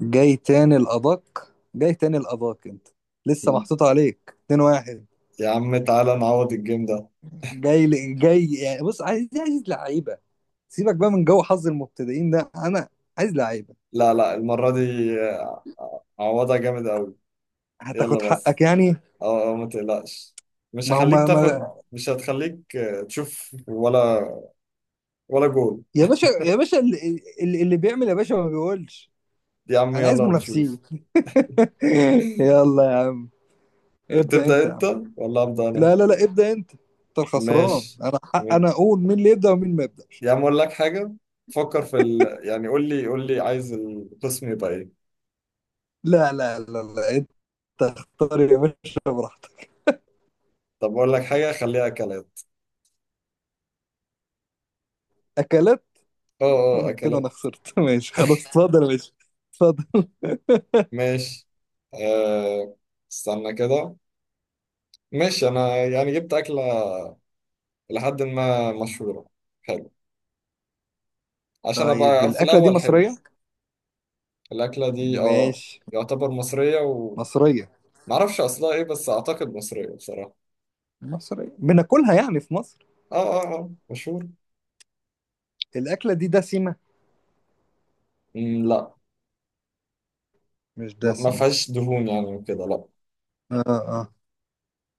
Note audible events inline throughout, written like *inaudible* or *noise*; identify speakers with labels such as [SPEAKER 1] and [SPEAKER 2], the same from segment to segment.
[SPEAKER 1] جاي تاني الأدق جاي تاني الأدق. أنت لسه
[SPEAKER 2] يا
[SPEAKER 1] محطوط عليك 2-1.
[SPEAKER 2] عم تعالى نعوض الجيم ده.
[SPEAKER 1] جاي يعني بص عايز لعيبة. سيبك بقى من جو حظ المبتدئين ده، أنا عايز لعيبة.
[SPEAKER 2] لا لا المرة دي آه، عوضها جامد قوي.
[SPEAKER 1] هتاخد
[SPEAKER 2] يلا
[SPEAKER 1] حقك
[SPEAKER 2] بس.
[SPEAKER 1] يعني.
[SPEAKER 2] اه ما تقلقش. مش
[SPEAKER 1] ما هو
[SPEAKER 2] هخليك
[SPEAKER 1] ما,
[SPEAKER 2] تاخد،
[SPEAKER 1] ما
[SPEAKER 2] مش هتخليك تشوف ولا ولا جول.
[SPEAKER 1] يا باشا، يا باشا اللي بيعمل يا باشا ما بيقولش.
[SPEAKER 2] يا عم
[SPEAKER 1] أنا عايز
[SPEAKER 2] يلا
[SPEAKER 1] منافسين.
[SPEAKER 2] نشوف.
[SPEAKER 1] *laughs*
[SPEAKER 2] *laughs*
[SPEAKER 1] يلا يا عم، ابدأ
[SPEAKER 2] تبدأ
[SPEAKER 1] أنت يا عم.
[SPEAKER 2] انت ولا أبدأ انا؟
[SPEAKER 1] لا لا لا، ابدأ أنت، أنت الخسران،
[SPEAKER 2] ماشي.
[SPEAKER 1] أنا حق
[SPEAKER 2] م-
[SPEAKER 1] أنا أقول مين اللي يبدأ ومين ما يبدأش.
[SPEAKER 2] يا عم اقول لك حاجة. فكر في ال... يعني قول لي، عايز القسم يبقى ايه؟
[SPEAKER 1] لا لا لا لا، أنت اختار يا باشا براحتك.
[SPEAKER 2] طب اقول لك حاجة، خليها اكلات.
[SPEAKER 1] أكلات.
[SPEAKER 2] اه اه
[SPEAKER 1] *laughs* كده انا
[SPEAKER 2] اكلات.
[SPEAKER 1] خسرت. *laughs* ماشي خلاص، اتفضل، ماشي، اتفضل. *laughs*
[SPEAKER 2] ماشي. أه... استنى كده. ماشي انا يعني جبت اكله لحد ما مشهوره، حلو، عشان
[SPEAKER 1] طيب
[SPEAKER 2] ابقى في
[SPEAKER 1] الأكلة دي
[SPEAKER 2] الاول حلو.
[SPEAKER 1] مصرية؟
[SPEAKER 2] الاكله دي اه،
[SPEAKER 1] ماشي.
[SPEAKER 2] يعتبر مصريه.
[SPEAKER 1] مصرية.
[SPEAKER 2] ومعرفش اصلها ايه، بس اعتقد مصريه بصراحه.
[SPEAKER 1] مصرية، بناكلها يعني في مصر.
[SPEAKER 2] اه. اه مشهور.
[SPEAKER 1] الأكلة دي دسمة.
[SPEAKER 2] لا.
[SPEAKER 1] مش
[SPEAKER 2] ما ما
[SPEAKER 1] دسمة.
[SPEAKER 2] فيهاش دهون يعني وكده، لا.
[SPEAKER 1] اه اه.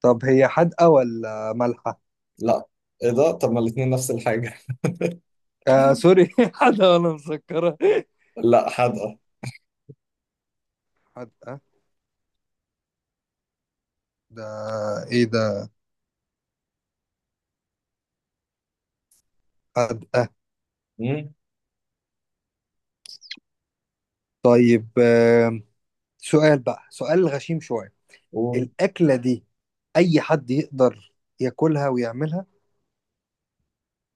[SPEAKER 1] طب هي حادقة ولا مالحة؟
[SPEAKER 2] لا، ايه ده؟ طب ما الاتنين نفس الحاجه.
[SPEAKER 1] آه سوري. *laughs* حادقة ولا مسكرة؟
[SPEAKER 2] *laughs* لا حادقه.
[SPEAKER 1] حادقة. ده ايه ده؟ حادقة.
[SPEAKER 2] امم.
[SPEAKER 1] طيب آه، سؤال بقى، سؤال غشيم شوية.
[SPEAKER 2] ومن
[SPEAKER 1] الأكلة دي أي حد يقدر ياكلها ويعملها؟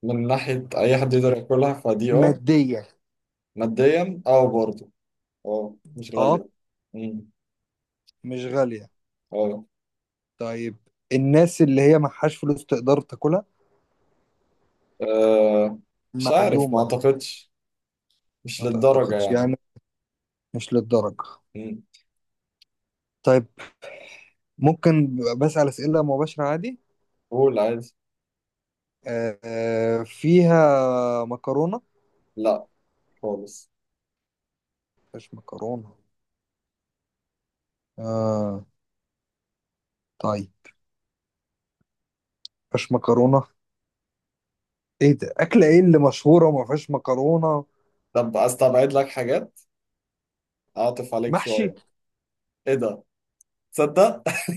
[SPEAKER 2] ناحيه اي حد يقدر ياكلها فدي اه.
[SPEAKER 1] ماديا؟
[SPEAKER 2] ماديا اه برضه. اه مش
[SPEAKER 1] اه،
[SPEAKER 2] غاليه. امم.
[SPEAKER 1] مش غالية.
[SPEAKER 2] اه.
[SPEAKER 1] طيب الناس اللي هي معهاش فلوس تقدر تاكلها؟
[SPEAKER 2] آه، مش عارف، ما
[SPEAKER 1] معدومة يعني.
[SPEAKER 2] اعتقدش، مش
[SPEAKER 1] ما
[SPEAKER 2] للدرجة
[SPEAKER 1] تعتقدش
[SPEAKER 2] يعني.
[SPEAKER 1] يعني، مش للدرجة.
[SPEAKER 2] مم.
[SPEAKER 1] طيب، ممكن بسأل أسئلة مباشرة عادي؟
[SPEAKER 2] قول عادي.
[SPEAKER 1] آه آه، فيها مكرونة؟
[SPEAKER 2] لا خالص.
[SPEAKER 1] مش مكرونة. آه. طيب مفيهاش مكرونة. ايه ده، أكلة ايه اللي مشهورة وما فيهاش مكرونة؟
[SPEAKER 2] طب استبعد لك حاجات، اعطف عليك
[SPEAKER 1] محشي.
[SPEAKER 2] شوية. ايه ده؟ تصدق *laughs*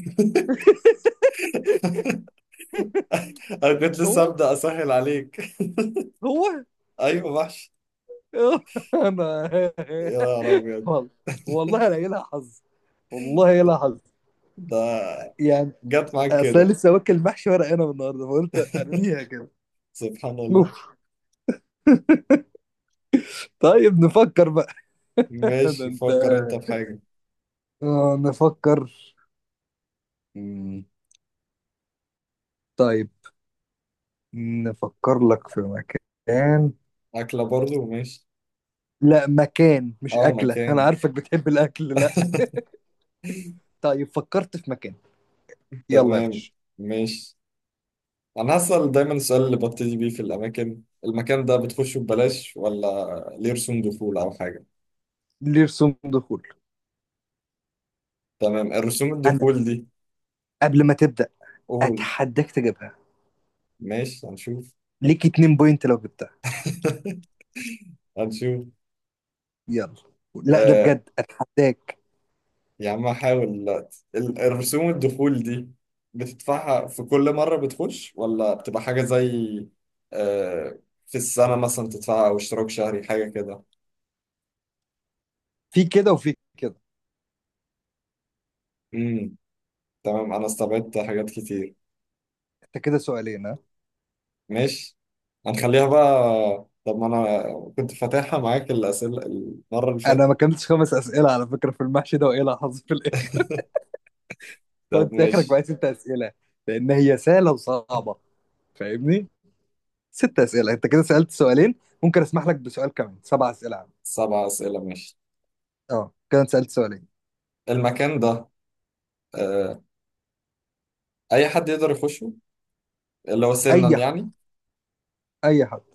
[SPEAKER 2] انا كنت لسه
[SPEAKER 1] هو
[SPEAKER 2] ابدا اسهل عليك. *laughs*
[SPEAKER 1] هو.
[SPEAKER 2] ايوه وحش.
[SPEAKER 1] *laughs* انا
[SPEAKER 2] يا نهار ابيض.
[SPEAKER 1] والله، والله انا إيه لها حظ، والله إيه لها حظ
[SPEAKER 2] ده
[SPEAKER 1] يعني.
[SPEAKER 2] جت معاك
[SPEAKER 1] اصل أنا
[SPEAKER 2] كده.
[SPEAKER 1] لسه واكل محشي ورق عنب النهارده فقلت
[SPEAKER 2] *laughs*
[SPEAKER 1] ارميها كده.
[SPEAKER 2] سبحان الله.
[SPEAKER 1] اوف. طيب نفكر بقى. *laughs* ده
[SPEAKER 2] ماشي
[SPEAKER 1] انت.
[SPEAKER 2] فكر انت في حاجة.
[SPEAKER 1] آه نفكر. مم، طيب نفكر لك في مكان.
[SPEAKER 2] اكلة برضو ماشي.
[SPEAKER 1] لا مكان مش
[SPEAKER 2] اه
[SPEAKER 1] أكلة، أنا
[SPEAKER 2] مكان.
[SPEAKER 1] عارفك بتحب الأكل. لا،
[SPEAKER 2] *laughs*
[SPEAKER 1] طيب فكرت في مكان. يلا يا
[SPEAKER 2] تمام.
[SPEAKER 1] باشا.
[SPEAKER 2] ماشي. انا هسأل دايما السؤال اللي ببتدي بيه في الاماكن: المكان ده بتخشه ببلاش ولا ليه رسوم دخول او حاجة؟
[SPEAKER 1] لرسوم دخول.
[SPEAKER 2] تمام، الرسوم
[SPEAKER 1] أنا
[SPEAKER 2] الدخول دي،
[SPEAKER 1] قبل ما تبدأ
[SPEAKER 2] قول.
[SPEAKER 1] أتحداك تجيبها.
[SPEAKER 2] ماشي هنشوف.
[SPEAKER 1] ليك اتنين بوينت لو جبتها.
[SPEAKER 2] *laughs* هنشوف.
[SPEAKER 1] يلا. لا ده
[SPEAKER 2] آه،
[SPEAKER 1] بجد أتحداك.
[SPEAKER 2] يا عم هحاول دلوقتي. الرسوم الدخول دي بتدفعها في كل مرة بتخش، ولا بتبقى حاجة زي، آه، في السنة مثلا تدفعها، أو اشتراك شهري حاجة كده؟
[SPEAKER 1] في كده وفي كده.
[SPEAKER 2] امم. تمام، أنا استبعدت حاجات كتير.
[SPEAKER 1] أنت كده سؤالين، ها.
[SPEAKER 2] ماشي، هنخليها بقى. طب ما أنا كنت فاتحها معاك الأسئلة المرة اللي فاتت.
[SPEAKER 1] انا ما كملتش خمس اسئله على فكره في المحشي ده، وايه اللي حصل في الاخر. *laughs*
[SPEAKER 2] طب
[SPEAKER 1] انت اخرك
[SPEAKER 2] ماشي.
[SPEAKER 1] بقى ست اسئله، لان هي سهله وصعبه، فاهمني؟ ست اسئله، انت كده سالت سؤالين، ممكن اسمح لك بسؤال كمان. سبع اسئله عندي.
[SPEAKER 2] سبع أسئلة ماشي.
[SPEAKER 1] اه، كده أنت سالت سؤالين.
[SPEAKER 2] المكان ده، آه، اي حد يقدر يخشه؟ اللي هو سنا
[SPEAKER 1] اي حد،
[SPEAKER 2] يعني.
[SPEAKER 1] اي حد.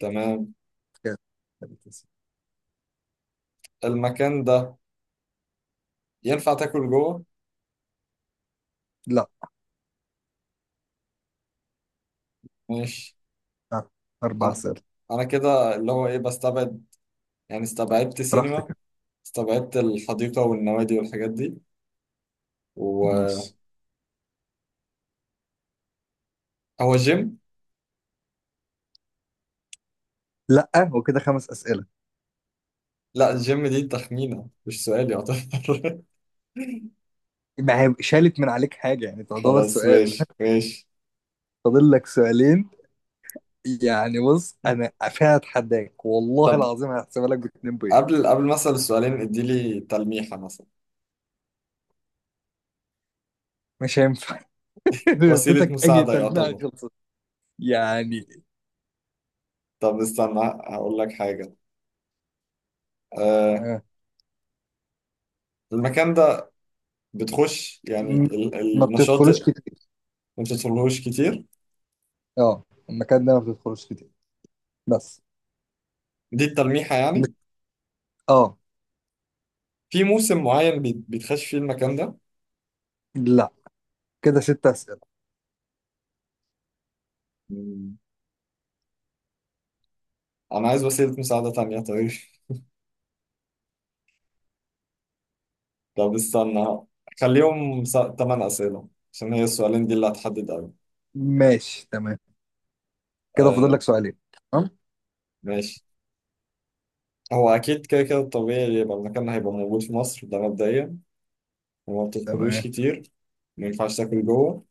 [SPEAKER 2] تمام.
[SPEAKER 1] كده تلات أسئلة.
[SPEAKER 2] المكان ده ينفع تاكل جوه؟
[SPEAKER 1] لا.
[SPEAKER 2] ماشي.
[SPEAKER 1] آه. اربع
[SPEAKER 2] انا
[SPEAKER 1] اسئله.
[SPEAKER 2] انا كده اللي هو ايه، بستبعد. يعني استبعدت سينما،
[SPEAKER 1] براحتك.
[SPEAKER 2] استبعدت الحديقة والنوادي والحاجات دي. وهو
[SPEAKER 1] ماشي.
[SPEAKER 2] جيم.
[SPEAKER 1] لا وكده خمس اسئله.
[SPEAKER 2] لا الجيم دي تخمينة مش سؤال يعتبر. *laughs*
[SPEAKER 1] ما هي شالت من عليك حاجه يعني، تعتبر
[SPEAKER 2] خلاص
[SPEAKER 1] سؤال.
[SPEAKER 2] ماشي
[SPEAKER 1] *laughs*
[SPEAKER 2] ماشي.
[SPEAKER 1] فاضل لك سؤالين. يعني بص انا فيها اتحداك، والله
[SPEAKER 2] طب
[SPEAKER 1] العظيم هحسبها لك باتنين بوينت.
[SPEAKER 2] قبل مثلا السؤالين، اديلي تلميحة مثلا.
[SPEAKER 1] مش هينفع. *laughs* لو
[SPEAKER 2] وسيلة
[SPEAKER 1] اديتك اي
[SPEAKER 2] مساعدة
[SPEAKER 1] تلميحه
[SPEAKER 2] يعتبر.
[SPEAKER 1] خلصت يعني.
[SPEAKER 2] طب استنى، هقول لك حاجة. أه،
[SPEAKER 1] آه.
[SPEAKER 2] المكان بتخش يعني
[SPEAKER 1] م- ما
[SPEAKER 2] النشاط؟
[SPEAKER 1] بتدخلوش كتير.
[SPEAKER 2] ما بتدخلهوش كتير.
[SPEAKER 1] اه، المكان ده ما بتدخلوش كتير بس.
[SPEAKER 2] دي التلميحة يعني؟
[SPEAKER 1] اه.
[SPEAKER 2] في موسم معين بيتخش فيه المكان ده؟
[SPEAKER 1] لا، كده ست اسئله.
[SPEAKER 2] مم. أنا عايز وسيلة مساعدة تانية طيب. *laughs* طب استنى، خليهم تمن أسئلة، عشان هي السؤالين دي اللي هتحدد أوي.
[SPEAKER 1] ماشي تمام. كده
[SPEAKER 2] آه
[SPEAKER 1] فاضل لك سؤالين. تمام.
[SPEAKER 2] ماشي. هو أكيد كده كده الطبيعي يبقى المكان هيبقى موجود في مصر، ده مبدئيا. وما بتدخلوش
[SPEAKER 1] تمام.
[SPEAKER 2] كتير، ما ينفعش تاكل جوه.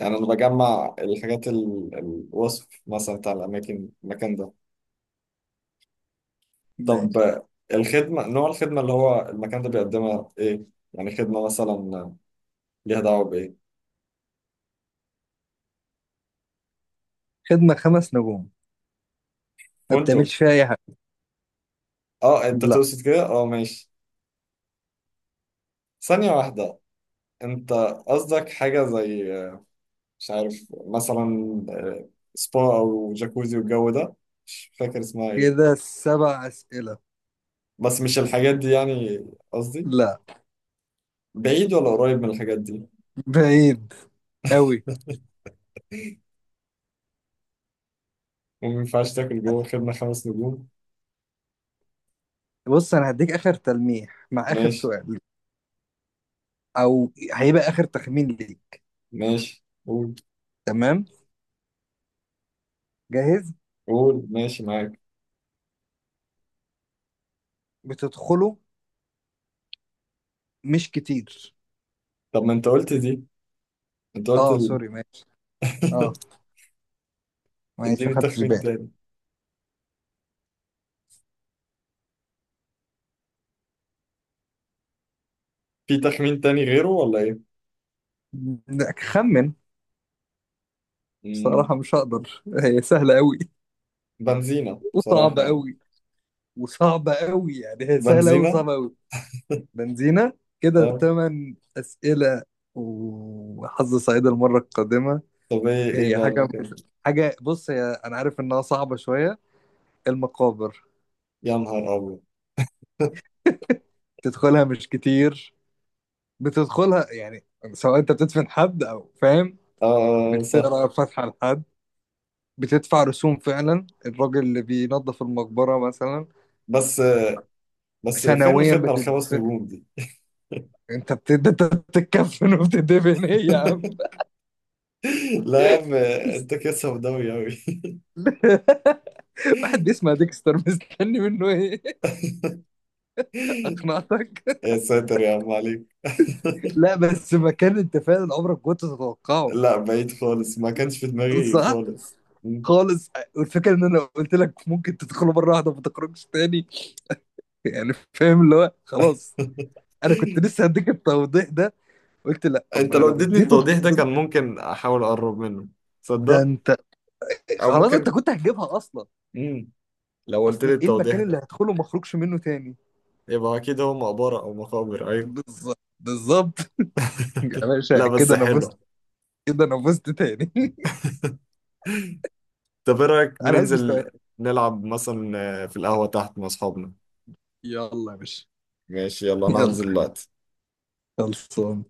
[SPEAKER 2] يعني أنا بجمع الحاجات، الوصف مثلا بتاع الأماكن، المكان ده. طب
[SPEAKER 1] ماشي.
[SPEAKER 2] الخدمة، نوع الخدمة اللي هو المكان ده بيقدمها ايه؟ يعني خدمة مثلا ليها دعوة بإيه؟
[SPEAKER 1] خدمه خمس نجوم، ما
[SPEAKER 2] فندق؟
[SPEAKER 1] بتعملش فيها اي حاجه.
[SPEAKER 2] اه انت
[SPEAKER 1] لا.
[SPEAKER 2] تقصد كده؟ اه ماشي. ثانية واحدة. انت قصدك حاجة زي، مش عارف مثلا، آه، سبا او جاكوزي والجو ده؟ مش فاكر اسمها ايه.
[SPEAKER 1] كده سبع اسئله.
[SPEAKER 2] بس مش الحاجات دي يعني، قصدي
[SPEAKER 1] لا،
[SPEAKER 2] بعيد ولا قريب من الحاجات دي؟
[SPEAKER 1] بعيد قوي.
[SPEAKER 2] وما ينفعش تاكل جوه، الخدمة خمس نجوم.
[SPEAKER 1] بص انا هديك اخر تلميح مع اخر
[SPEAKER 2] ماشي
[SPEAKER 1] سؤال، او هيبقى اخر تخمين ليك.
[SPEAKER 2] ماشي قول.
[SPEAKER 1] تمام. جاهز.
[SPEAKER 2] قول ماشي معاك.
[SPEAKER 1] بتدخله مش كتير.
[SPEAKER 2] طب ما انت قلت دي، انت قلت
[SPEAKER 1] اه سوري، ماشي. اه
[SPEAKER 2] *laughs*
[SPEAKER 1] ماشي،
[SPEAKER 2] اديني
[SPEAKER 1] ما خدتش
[SPEAKER 2] تخمين
[SPEAKER 1] بالي.
[SPEAKER 2] تاني. في تخمين تاني غيره ولا ايه؟
[SPEAKER 1] لا، خمن.
[SPEAKER 2] مم.
[SPEAKER 1] بصراحة مش هقدر، هي سهلة قوي
[SPEAKER 2] بنزينة بصراحة
[SPEAKER 1] وصعبة
[SPEAKER 2] يعني.
[SPEAKER 1] قوي، وصعبة قوي يعني، هي سهلة قوي
[SPEAKER 2] بنزينة.
[SPEAKER 1] وصعبة قوي. بنزينة. كده
[SPEAKER 2] اه.
[SPEAKER 1] تمن أسئلة، وحظ سعيد المرة القادمة.
[SPEAKER 2] طب ايه ايه
[SPEAKER 1] هي
[SPEAKER 2] بقى
[SPEAKER 1] حاجة
[SPEAKER 2] المكان؟
[SPEAKER 1] مش حاجة، بص هي أنا عارف إنها صعبة شوية. المقابر.
[SPEAKER 2] يا نهار ابيض.
[SPEAKER 1] تدخلها مش كتير، بتدخلها يعني سواء أنت بتدفن حد أو فاهم،
[SPEAKER 2] اه، آه، آه، صح.
[SPEAKER 1] بتقرأ فاتحة لحد، بتدفع رسوم فعلا، الراجل اللي بينظف المقبرة مثلا
[SPEAKER 2] بس بس فين
[SPEAKER 1] سنويا
[SPEAKER 2] الخدمة الخمس
[SPEAKER 1] بتدفع.
[SPEAKER 2] نجوم دي؟
[SPEAKER 1] انت بتتكفن وبتدفن، ايه يا عم.
[SPEAKER 2] *laughs* لا يا عم. انت كده سوداوي اوي. *laughs*
[SPEAKER 1] *laughs* واحد بيسمع ديكستر مستني منه ايه. *laughs* اقنعتك.
[SPEAKER 2] يا ساتر يا عم عليك. *laughs*
[SPEAKER 1] لا بس مكان انت فعلا عمرك كنت تتوقعه.
[SPEAKER 2] لا بعيد خالص، ما كانش في دماغي
[SPEAKER 1] صح.
[SPEAKER 2] خالص. مم.
[SPEAKER 1] خالص. والفكره ان انا قلت لك ممكن تدخله مره واحده ما تخرجش تاني، يعني فاهم اللي هو خلاص. انا
[SPEAKER 2] *laughs*
[SPEAKER 1] كنت لسه هديك التوضيح ده، قلت لا طب ما
[SPEAKER 2] انت
[SPEAKER 1] انا
[SPEAKER 2] لو
[SPEAKER 1] لو
[SPEAKER 2] اديتني
[SPEAKER 1] اديته
[SPEAKER 2] التوضيح ده كان
[SPEAKER 1] التوضيح
[SPEAKER 2] ممكن احاول اقرب منه،
[SPEAKER 1] ده
[SPEAKER 2] تصدق،
[SPEAKER 1] انت
[SPEAKER 2] او
[SPEAKER 1] خلاص انت
[SPEAKER 2] ممكن.
[SPEAKER 1] كنت هتجيبها اصلا.
[SPEAKER 2] مم. لو قلت
[SPEAKER 1] اصل
[SPEAKER 2] لي
[SPEAKER 1] ايه
[SPEAKER 2] التوضيح
[SPEAKER 1] المكان
[SPEAKER 2] ده
[SPEAKER 1] اللي هدخله وما اخرجش منه تاني.
[SPEAKER 2] يبقى اكيد هو مقبرة او مقابر، ايوه.
[SPEAKER 1] بالظبط بالظبط. *laughs* يا باشا
[SPEAKER 2] لا بس
[SPEAKER 1] كده انا فزت.
[SPEAKER 2] حلو.
[SPEAKER 1] كده انا فزت تاني. *laughs*
[SPEAKER 2] طب ايه رأيك
[SPEAKER 1] انا عايز مستوى.
[SPEAKER 2] ننزل نلعب مثلا، في القهوة تحت مع اصحابنا؟
[SPEAKER 1] يلا يا باشا.
[SPEAKER 2] ماشي يلا انا
[SPEAKER 1] يلا.
[SPEAKER 2] هنزل دلوقتي.
[SPEAKER 1] خلصان.